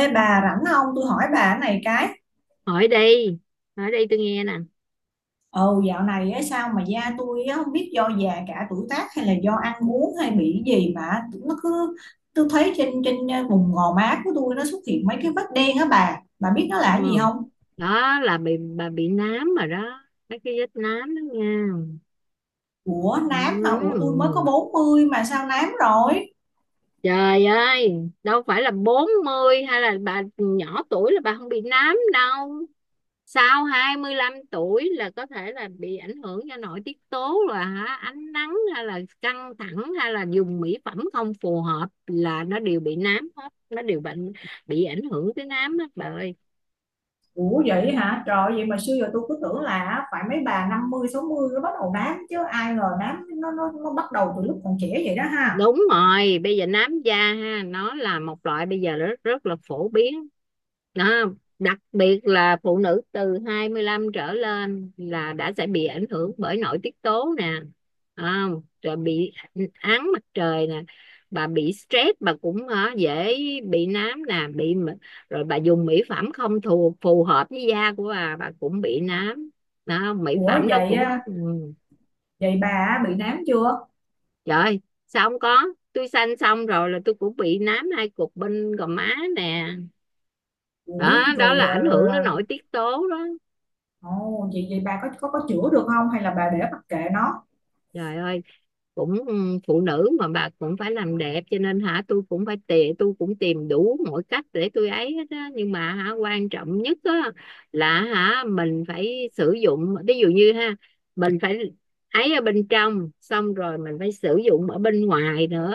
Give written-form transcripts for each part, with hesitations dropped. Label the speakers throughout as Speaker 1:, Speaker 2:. Speaker 1: Ê bà rảnh không? Tôi hỏi bà cái này cái.
Speaker 2: Hỏi đi, hỏi đi, tôi nghe nè.
Speaker 1: Ồ, dạo này á, sao mà da tôi á, không biết do già cả tuổi tác hay là do ăn uống hay bị cái gì mà nó cứ. Tôi thấy trên trên ờ, vùng gò má của tôi nó xuất hiện mấy cái vết đen á bà. Bà biết nó là cái gì
Speaker 2: Ừ,
Speaker 1: không?
Speaker 2: đó là bị, bà bị nám rồi đó. Mấy cái vết nám đó nha.
Speaker 1: Ủa nám hả? Ủa
Speaker 2: Ừ.
Speaker 1: tôi mới có 40 mà sao nám rồi?
Speaker 2: Trời ơi, đâu phải là 40 hay là bà nhỏ tuổi là bà không bị nám đâu. Sau 25 tuổi là có thể là bị ảnh hưởng do nội tiết tố, là hả ánh nắng hay là căng thẳng hay là dùng mỹ phẩm không phù hợp là nó đều bị nám hết, nó đều bệnh, bị ảnh hưởng tới nám hết bà ơi.
Speaker 1: Ủa vậy hả? Trời, vậy mà xưa giờ tôi cứ tưởng là phải mấy bà 50 60 nó bắt đầu nám, chứ ai ngờ nám nó bắt đầu từ lúc còn trẻ vậy đó ha.
Speaker 2: Đúng rồi, bây giờ nám da ha, nó là một loại bây giờ rất rất là phổ biến. Đó. Đặc biệt là phụ nữ từ 25 trở lên là đã sẽ bị ảnh hưởng bởi nội tiết tố nè, à, rồi bị ánh mặt trời nè, bà bị stress bà cũng hả, dễ bị nám nè, bị rồi bà dùng mỹ phẩm không phù phù hợp với da của bà cũng bị nám đó, mỹ
Speaker 1: Ủa
Speaker 2: phẩm nó
Speaker 1: vậy
Speaker 2: cũng
Speaker 1: á, vậy bà bị nám chưa?
Speaker 2: trời ơi, sao không có? Tôi sanh xong rồi là tôi cũng bị nám hai cục bên gò má nè.
Speaker 1: Ủi
Speaker 2: Đó, đó
Speaker 1: rồi,
Speaker 2: là ảnh
Speaker 1: rồi
Speaker 2: hưởng nó
Speaker 1: rồi.
Speaker 2: nội tiết tố đó.
Speaker 1: Ồ vậy vậy bà có chữa được không hay là bà để mặc kệ nó?
Speaker 2: Trời ơi, cũng phụ nữ mà, bà cũng phải làm đẹp cho nên hả tôi cũng tìm đủ mọi cách để tôi ấy hết á, nhưng mà hả quan trọng nhất á là hả mình phải sử dụng, ví dụ như ha mình phải ấy ở bên trong, xong rồi mình phải sử dụng ở bên ngoài nữa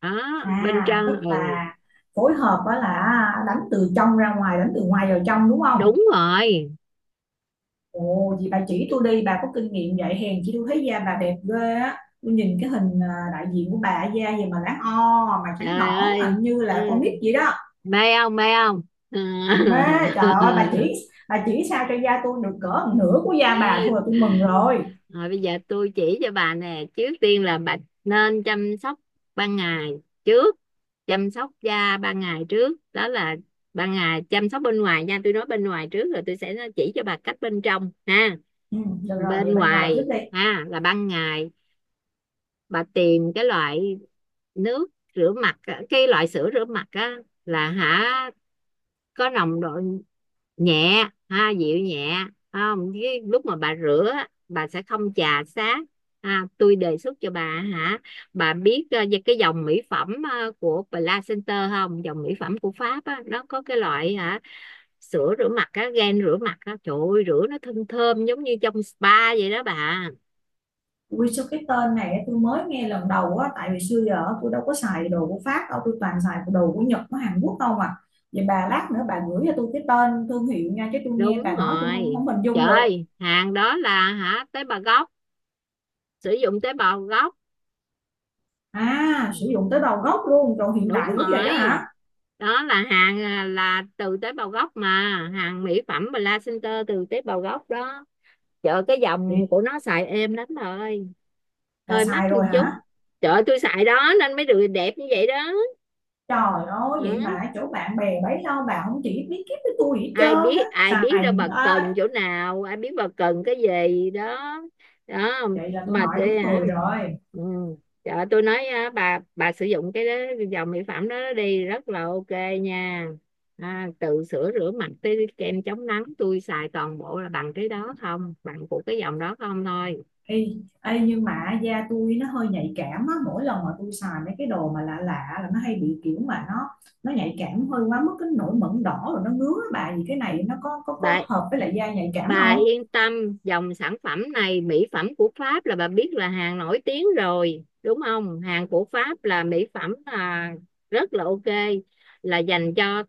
Speaker 2: đó. Bên
Speaker 1: À tức
Speaker 2: trong, ừ,
Speaker 1: là phối hợp đó là đánh từ trong ra ngoài, đánh từ ngoài vào trong, đúng không?
Speaker 2: đúng rồi.
Speaker 1: Ồ vậy bà chỉ tôi đi, bà có kinh nghiệm vậy hèn chi tôi thấy da bà đẹp ghê á. Tôi nhìn cái hình đại diện của bà da gì mà láng o mà trắng
Speaker 2: Trời
Speaker 1: nõn, à,
Speaker 2: ơi.
Speaker 1: như là con
Speaker 2: Ừ.
Speaker 1: nít vậy đó.
Speaker 2: Mê không, mê không? Ừ.
Speaker 1: Mê. Trời ơi bà chỉ, bà chỉ sao cho da tôi được cỡ một nửa của da bà thôi là tôi mừng rồi.
Speaker 2: Rồi bây giờ tôi chỉ cho bà nè, trước tiên là bà nên chăm sóc ban ngày trước, chăm sóc da ban ngày trước, đó là ban ngày chăm sóc bên ngoài nha. Tôi nói bên ngoài trước, rồi tôi sẽ chỉ cho bà cách bên trong ha.
Speaker 1: Ừ, được rồi,
Speaker 2: Bên
Speaker 1: vậy bên ngoài trước
Speaker 2: ngoài
Speaker 1: đi.
Speaker 2: ha là ban ngày, bà tìm cái loại nước rửa mặt á, cái loại sữa rửa mặt á là hả có nồng độ nhẹ ha, dịu nhẹ, không cái lúc mà bà rửa á, bà sẽ không chà xát ha. Tôi đề xuất cho bà hả, bà biết về cái dòng mỹ phẩm của Placenter không, dòng mỹ phẩm của Pháp á, nó có cái loại hả sữa rửa mặt á, gel rửa mặt á, trời ơi, rửa nó thơm thơm giống như trong spa vậy đó bà.
Speaker 1: Ui sao cái tên này á, tôi mới nghe lần đầu á, tại vì xưa giờ tôi đâu có xài đồ của Pháp đâu, tôi toàn xài đồ của Nhật của Hàn Quốc đâu mà. Vậy bà lát nữa bà gửi cho tôi cái tên thương hiệu nha, chứ tôi nghe
Speaker 2: Đúng
Speaker 1: bà nói tôi không
Speaker 2: rồi,
Speaker 1: không hình
Speaker 2: trời
Speaker 1: dung được.
Speaker 2: ơi, hàng đó là hả tế bào gốc, sử dụng tế bào gốc.
Speaker 1: À sử
Speaker 2: Ừ,
Speaker 1: dụng tới đầu gốc luôn, còn hiện
Speaker 2: đúng
Speaker 1: đại dữ vậy đó
Speaker 2: rồi,
Speaker 1: hả.
Speaker 2: đó là hàng là từ tế bào gốc mà, hàng mỹ phẩm placenta từ tế bào gốc đó, chợ cái dòng
Speaker 1: Vậy
Speaker 2: của nó xài êm lắm bà ơi.
Speaker 1: bà
Speaker 2: Hơi
Speaker 1: xài
Speaker 2: mắc một
Speaker 1: rồi
Speaker 2: chút,
Speaker 1: hả?
Speaker 2: chợ tôi xài đó nên mới được đẹp như vậy đó.
Speaker 1: Trời ơi vậy mà
Speaker 2: Ừ.
Speaker 1: ở chỗ bạn bè bấy lâu bà không chỉ biết kiếp với tôi gì hết
Speaker 2: ai
Speaker 1: trơn á,
Speaker 2: biết ai biết đâu
Speaker 1: xài
Speaker 2: bà cần
Speaker 1: à.
Speaker 2: chỗ nào, ai biết bà cần cái gì đó. Đó.
Speaker 1: Vậy là tôi
Speaker 2: Mà
Speaker 1: hỏi
Speaker 2: để
Speaker 1: đúng
Speaker 2: hả,
Speaker 1: người rồi.
Speaker 2: ừ, trời, tôi nói á, bà sử dụng cái đó, cái dòng mỹ phẩm đó, đó đi rất là ok nha, từ sữa rửa mặt tới kem chống nắng tôi xài toàn bộ là bằng cái đó không, bằng của cái dòng đó không thôi
Speaker 1: Ê, ê, nhưng mà da tôi nó hơi nhạy cảm á, mỗi lần mà tôi xài mấy cái đồ mà lạ lạ là nó hay bị kiểu mà nó nhạy cảm hơi quá mức cái nổi mẩn đỏ rồi nó ngứa á bà, thì cái này nó có
Speaker 2: bà.
Speaker 1: hợp với lại da nhạy cảm
Speaker 2: Bà
Speaker 1: không?
Speaker 2: yên tâm, dòng sản phẩm này, mỹ phẩm của Pháp, là bà biết là hàng nổi tiếng rồi, đúng không? Hàng của Pháp là mỹ phẩm rất là ok, là dành cho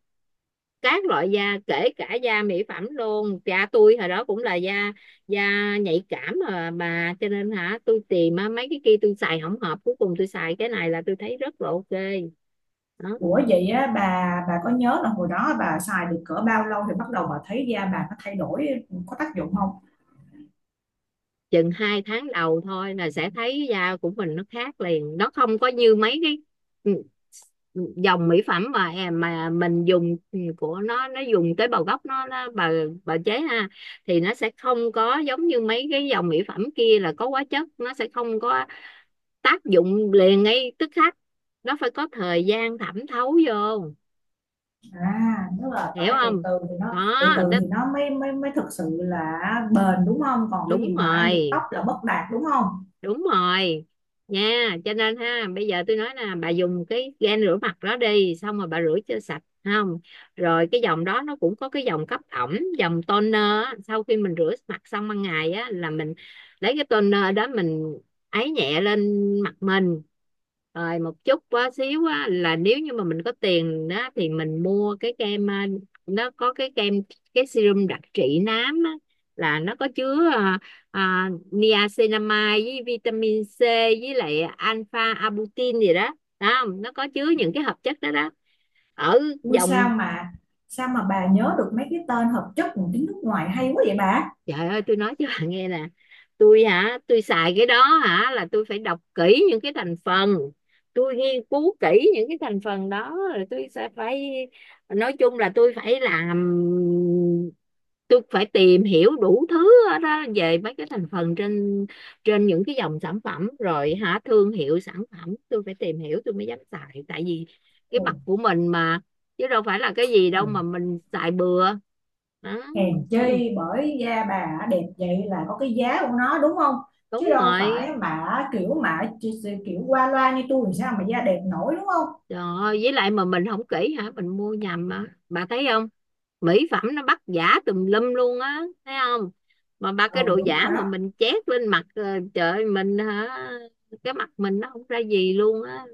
Speaker 2: các loại da, kể cả da mỹ phẩm luôn. Cha tôi hồi đó cũng là da da nhạy cảm mà bà, cho nên hả, tôi tìm á, mấy cái kia tôi xài không hợp, cuối cùng tôi xài cái này là tôi thấy rất là ok. Đó.
Speaker 1: Ủa vậy á, bà có nhớ là hồi đó bà xài được cỡ bao lâu thì bắt đầu bà thấy da bà nó thay đổi, có tác dụng không?
Speaker 2: Chừng hai tháng đầu thôi là sẽ thấy da của mình nó khác liền, nó không có như mấy cái dòng mỹ phẩm mà em mà mình dùng ừ, của nó dùng tế bào gốc nó bà chế ha thì nó sẽ không có giống như mấy cái dòng mỹ phẩm kia là có hóa chất, nó sẽ không có tác dụng liền ngay tức khắc, nó phải có thời gian thẩm thấu vô,
Speaker 1: À, tức là
Speaker 2: hiểu
Speaker 1: phải từ
Speaker 2: không.
Speaker 1: từ thì nó,
Speaker 2: Đó,
Speaker 1: từ từ
Speaker 2: đó,
Speaker 1: thì nó mới mới mới thực sự là bền đúng không? Còn cái gì
Speaker 2: đúng
Speaker 1: mà dục tóc
Speaker 2: rồi,
Speaker 1: là bất đạt đúng không?
Speaker 2: đúng rồi nha. Cho nên ha bây giờ tôi nói là bà dùng cái gel rửa mặt đó đi, xong rồi bà rửa cho sạch không, rồi cái dòng đó nó cũng có cái dòng cấp ẩm, dòng toner á. Sau khi mình rửa mặt xong ban ngày á là mình lấy cái toner đó mình ấy nhẹ lên mặt mình, rồi một chút quá xíu á, là nếu như mà mình có tiền đó thì mình mua cái kem nó có cái kem, cái serum đặc trị nám á, là nó có chứa niacinamide với vitamin C với lại alpha arbutin gì đó đó, không nó có chứa những cái hợp chất đó đó ở
Speaker 1: Ui sao
Speaker 2: dòng.
Speaker 1: mà sao mà bà nhớ được mấy cái tên hợp chất của tiếng nước ngoài hay quá vậy bà?
Speaker 2: Trời ơi, tôi nói cho bạn nghe nè, tôi hả tôi xài cái đó hả là tôi phải đọc kỹ những cái thành phần, tôi nghiên cứu kỹ những cái thành phần đó, rồi tôi sẽ phải, nói chung là tôi phải làm, tôi phải tìm hiểu đủ thứ hết á, về mấy cái thành phần trên, trên những cái dòng sản phẩm, rồi hả thương hiệu sản phẩm tôi phải tìm hiểu tôi mới dám xài, tại vì cái
Speaker 1: Ồ,
Speaker 2: mặt của mình mà, chứ đâu phải là cái gì
Speaker 1: ồ,
Speaker 2: đâu mà mình xài bừa. Đó.
Speaker 1: hèn chi bởi da bà đẹp vậy là có cái giá của nó đúng không? Chứ
Speaker 2: Đúng
Speaker 1: đâu
Speaker 2: rồi.
Speaker 1: phải mà kiểu mà chỉ kiểu qua loa như tôi làm sao mà da đẹp nổi đúng không?
Speaker 2: Rồi, với lại mà mình không kỹ hả? Mình mua nhầm mà. Bà thấy không? Mỹ phẩm nó bắt giả tùm lum luôn á, thấy không? Mà ba
Speaker 1: Ừ
Speaker 2: cái đồ
Speaker 1: đúng
Speaker 2: giả
Speaker 1: rồi
Speaker 2: mà
Speaker 1: đó.
Speaker 2: mình chét lên mặt trời ơi, mình hả? Cái mặt mình nó không ra gì luôn á.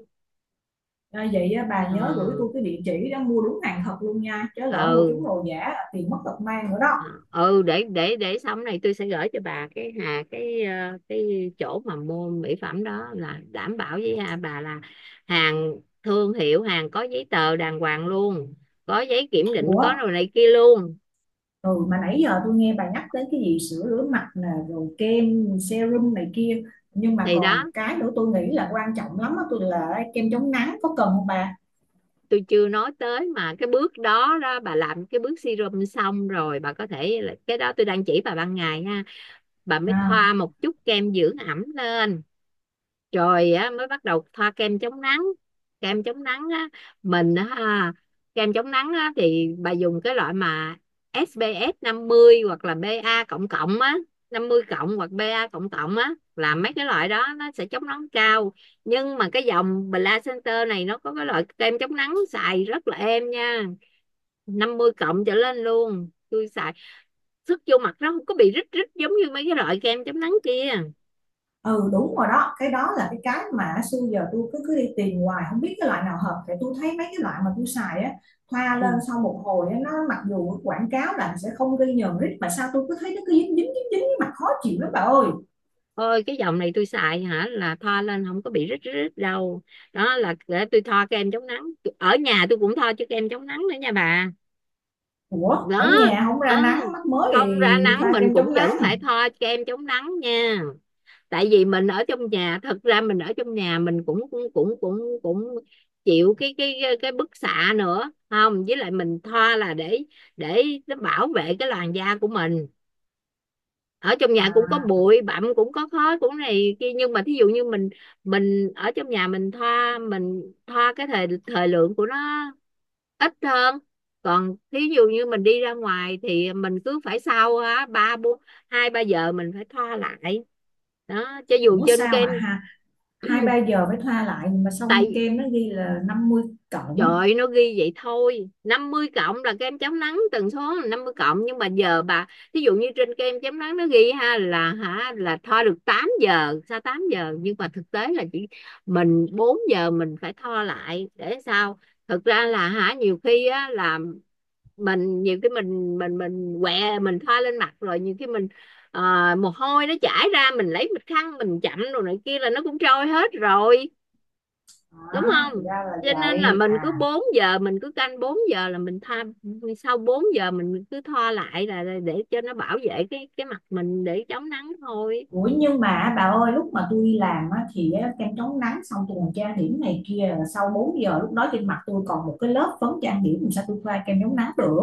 Speaker 1: À, vậy á, bà nhớ gửi
Speaker 2: Ờ,
Speaker 1: tôi cái địa chỉ đó mua đúng hàng thật luôn nha, chứ lỡ mua
Speaker 2: ừ,
Speaker 1: trúng đồ giả tiền mất tật mang nữa đó.
Speaker 2: ờ, ừ để xong này tôi sẽ gửi cho bà cái hà cái cái chỗ mà mua mỹ phẩm đó, là đảm bảo với hà bà là hàng thương hiệu, hàng có giấy tờ đàng hoàng luôn, có giấy kiểm định
Speaker 1: Ủa
Speaker 2: có, rồi này kia luôn.
Speaker 1: ừ, mà nãy giờ tôi nghe bà nhắc tới cái gì sữa rửa mặt nè rồi kem serum này kia, nhưng mà
Speaker 2: Thì đó,
Speaker 1: còn cái nữa tôi nghĩ là quan trọng lắm á, tôi là kem chống nắng có cần không bà?
Speaker 2: tôi chưa nói tới mà, cái bước đó đó bà làm cái bước serum xong rồi bà có thể, cái đó tôi đang chỉ bà ban ngày ha, bà mới
Speaker 1: À
Speaker 2: thoa một chút kem dưỡng ẩm lên, rồi á mới bắt đầu thoa kem chống nắng. Kem chống nắng á, mình á ha, kem chống nắng á thì bà dùng cái loại mà ét pê ép 50 hoặc là BA cộng cộng á, 50 cộng hoặc BA cộng cộng á, là mấy cái loại đó nó sẽ chống nắng cao. Nhưng mà cái dòng Bla Center này nó có cái loại kem chống nắng xài rất là êm nha, 50 cộng trở lên luôn tôi xài, sức vô mặt nó không có bị rít rít giống như mấy cái loại kem chống nắng kia.
Speaker 1: ừ đúng rồi đó, cái đó là cái mà xưa giờ tôi cứ cứ đi tìm hoài không biết cái loại nào hợp, tại tôi thấy mấy cái loại mà tôi xài á, thoa
Speaker 2: Ừ.
Speaker 1: lên sau một hồi á, nó mặc dù quảng cáo là sẽ không gây nhờn rít mà sao tôi cứ thấy nó cứ dính dính dính dính mặt khó chịu lắm bà ơi.
Speaker 2: Ôi cái dòng này tôi xài hả là thoa lên không có bị rít rít đâu. Đó là để tôi thoa kem chống nắng, ở nhà tôi cũng thoa chứ, kem chống nắng nữa nha bà.
Speaker 1: Ủa ở
Speaker 2: Đó,
Speaker 1: nhà không
Speaker 2: ừ,
Speaker 1: ra nắng mắt mới
Speaker 2: không ra
Speaker 1: thì
Speaker 2: nắng
Speaker 1: thoa
Speaker 2: mình
Speaker 1: kem
Speaker 2: cũng
Speaker 1: chống
Speaker 2: vẫn
Speaker 1: nắng
Speaker 2: phải thoa kem chống nắng nha, tại vì mình ở trong nhà, thật ra mình ở trong nhà mình cũng cũng cũng cũng cũng chịu cái cái bức xạ nữa không, với lại mình thoa là để nó bảo vệ cái làn da của mình. Ở trong nhà cũng có
Speaker 1: à?
Speaker 2: bụi bặm, cũng có khói, cũng này kia, nhưng mà thí dụ như mình ở trong nhà mình thoa, mình thoa cái thời thời lượng của nó ít hơn, còn thí dụ như mình đi ra ngoài thì mình cứ phải sau á ba bốn, hai ba giờ mình phải thoa lại, đó cho dù
Speaker 1: Ủa
Speaker 2: trên
Speaker 1: sao mà
Speaker 2: kem.
Speaker 1: ha, hai ba giờ mới thoa lại mà xong
Speaker 2: Tại,
Speaker 1: kem nó ghi là năm mươi
Speaker 2: trời
Speaker 1: cộng
Speaker 2: ơi, nó ghi vậy thôi, 50 cộng là kem chống nắng tần số là 50 cộng, nhưng mà giờ bà, thí dụ như trên kem chống nắng nó ghi ha là hả là thoa được 8 giờ sao, 8 giờ nhưng mà thực tế là chỉ mình 4 giờ mình phải thoa lại để sao, thực ra là hả nhiều khi á là mình nhiều khi mình quẹ mình thoa lên mặt rồi, nhiều khi mình ờ, mồ hôi nó chảy ra, mình lấy bịch khăn mình chậm rồi này kia là nó cũng trôi hết rồi, đúng
Speaker 1: Đó thì
Speaker 2: không,
Speaker 1: ra là
Speaker 2: cho nên là
Speaker 1: vậy
Speaker 2: mình
Speaker 1: à.
Speaker 2: cứ 4 giờ mình cứ canh 4 giờ là mình tha, sau 4 giờ mình cứ thoa lại là để cho nó bảo vệ cái mặt mình, để chống nắng thôi.
Speaker 1: Ủa nhưng mà bà ơi lúc mà tôi đi làm á, thì á, kem chống nắng xong tôi còn trang điểm này kia, là sau 4 giờ lúc đó trên mặt tôi còn một cái lớp phấn trang điểm, làm sao tôi thoa kem chống nắng được.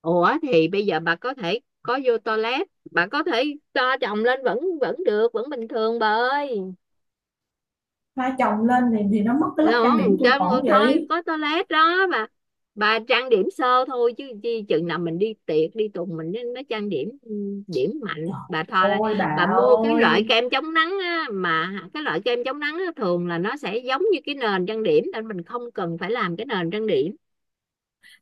Speaker 2: Ủa thì bây giờ bà có thể có vô toilet bà có thể cho chồng lên vẫn vẫn được, vẫn bình thường bà ơi.
Speaker 1: Thoa chồng lên thì nó mất cái
Speaker 2: Thấy
Speaker 1: lớp trang điểm
Speaker 2: không,
Speaker 1: tôi
Speaker 2: cho
Speaker 1: còn
Speaker 2: thôi
Speaker 1: gì.
Speaker 2: có toilet đó bà trang điểm sơ thôi, chứ chi chừng nào mình đi tiệc đi tùng mình nên nó trang điểm điểm mạnh bà thoa
Speaker 1: Trời
Speaker 2: lên.
Speaker 1: ơi bà
Speaker 2: Bà mua cái
Speaker 1: ơi.
Speaker 2: loại kem chống nắng á, mà cái loại kem chống nắng á, thường là nó sẽ giống như cái nền trang điểm, nên mình không cần phải làm cái nền trang điểm,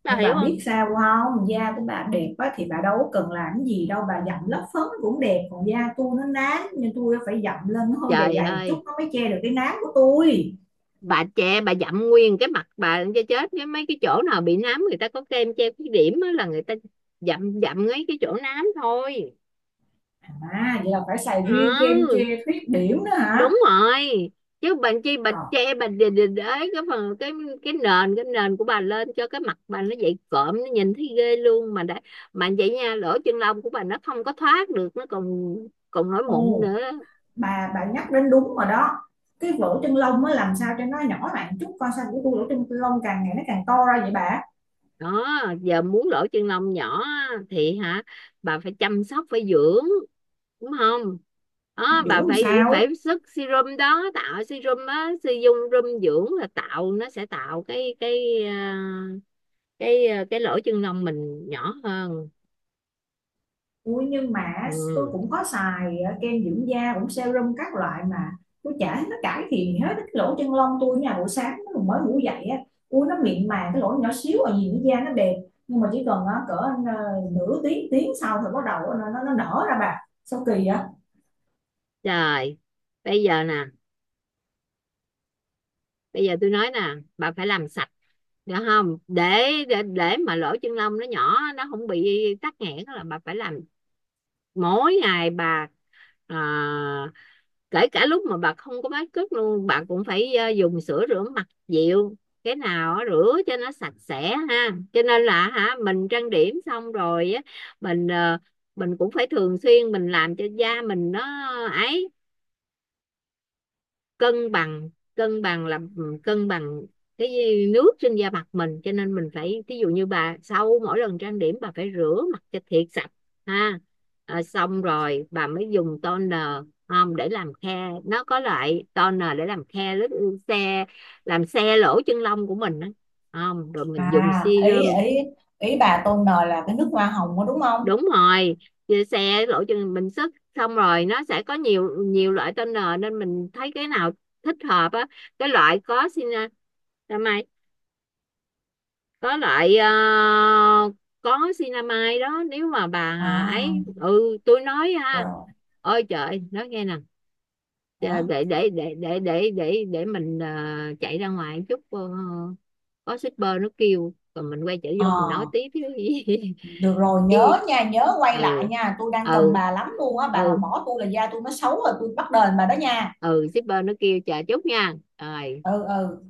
Speaker 2: bà
Speaker 1: Nhưng
Speaker 2: hiểu
Speaker 1: bà biết
Speaker 2: không.
Speaker 1: sao không, da của bà đẹp á, thì bà đâu có cần làm cái gì đâu, bà dặm lớp phấn cũng đẹp, còn da tôi nó nám nên tôi phải dặm lên nó hơi dày
Speaker 2: Trời
Speaker 1: dày
Speaker 2: ơi,
Speaker 1: chút nó mới che được cái nám của tôi.
Speaker 2: bà che bà dặm nguyên cái mặt bà cho chết với, mấy cái chỗ nào bị nám người ta có kem che khuyết điểm á, là người ta dặm dặm ngay cái chỗ nám thôi.
Speaker 1: À vậy là phải xài riêng kem che
Speaker 2: Ừ,
Speaker 1: khuyết điểm nữa hả.
Speaker 2: đúng rồi, chứ bệnh chi bà
Speaker 1: Rồi.
Speaker 2: che bà đình đình ấy cái phần cái, cái nền của bà lên cho cái mặt bà nó dậy cộm, nó nhìn thấy ghê luôn mà đã, mà vậy nha lỗ chân lông của bà nó không có thoát được, nó còn còn nổi mụn
Speaker 1: Ồ
Speaker 2: nữa
Speaker 1: bà nhắc đến đúng rồi đó. Cái lỗ chân lông á làm sao cho nó nhỏ lại chút coi, sao của tôi lỗ chân lông càng ngày nó càng to ra vậy bà?
Speaker 2: đó. Giờ muốn lỗ chân lông nhỏ á, thì hả bà phải chăm sóc, phải dưỡng, đúng không. Đó,
Speaker 1: Giữ
Speaker 2: bà
Speaker 1: làm
Speaker 2: phải
Speaker 1: sao.
Speaker 2: phải sức serum đó, tạo serum á, sử dụng serum dưỡng là tạo nó sẽ tạo cái cái cái lỗ chân lông mình nhỏ hơn.
Speaker 1: Ui nhưng mà tôi
Speaker 2: Ừ.
Speaker 1: cũng có xài kem dưỡng da cũng serum các loại mà tôi chả thấy nó cải thiện hết cái lỗ chân lông tôi. Nhà buổi sáng nó mới ngủ dậy á, ui nó mịn màng cái lỗ nhỏ xíu ở gì nữa, da nó đẹp, nhưng mà chỉ cần cỡ nửa tiếng tiếng sau thì bắt đầu nó nở ra bà, sao kỳ vậy?
Speaker 2: Rồi bây giờ nè, bây giờ tôi nói nè, bà phải làm sạch, được không, để để mà lỗ chân lông nó nhỏ, nó không bị tắc nghẽn là bà phải làm mỗi ngày bà, à, kể cả lúc mà bà không có make up luôn, bà cũng phải dùng sữa rửa mặt dịu cái nào á, rửa cho nó sạch sẽ ha, cho nên là hả mình trang điểm xong rồi á mình mình cũng phải thường xuyên mình làm cho da mình nó ấy cân bằng, cân bằng là ừ, cân bằng cái nước trên da mặt mình, cho nên mình phải ví dụ như bà sau mỗi lần trang điểm bà phải rửa mặt cho thiệt sạch ha. Ờ, xong rồi bà mới dùng toner, không để làm khe, nó có loại toner để làm khe lít, ừ, xe, làm xe lỗ chân lông của mình đó, không rồi mình dùng
Speaker 1: À, ý
Speaker 2: serum.
Speaker 1: ý ý bà tôn nờ là cái nước hoa hồng đó đúng không?
Speaker 2: Đúng rồi. Về xe lộ trình bình sức xong rồi nó sẽ có nhiều nhiều loại tên nờ, nên mình thấy cái nào thích hợp á, cái loại có cinamide, có loại có cinamide đó, nếu mà bà
Speaker 1: À,
Speaker 2: ấy, ừ tôi nói ha,
Speaker 1: rồi.
Speaker 2: ôi trời nói nghe nè, để
Speaker 1: Hả?
Speaker 2: để để để để để để, để mình chạy ra ngoài chút có shipper nó kêu, rồi mình quay trở
Speaker 1: Ờ.
Speaker 2: vô mình nói tiếp chứ gì.
Speaker 1: Được rồi
Speaker 2: Chứ-
Speaker 1: nhớ nha, nhớ quay lại
Speaker 2: ừ,
Speaker 1: nha, tôi đang cần
Speaker 2: ừ
Speaker 1: bà lắm luôn á, bà mà
Speaker 2: ừ
Speaker 1: bỏ tôi là da tôi nó xấu rồi tôi bắt đền bà đó nha.
Speaker 2: ừ shipper nó kêu, chờ chút nha. Rồi.
Speaker 1: Ừ ừ.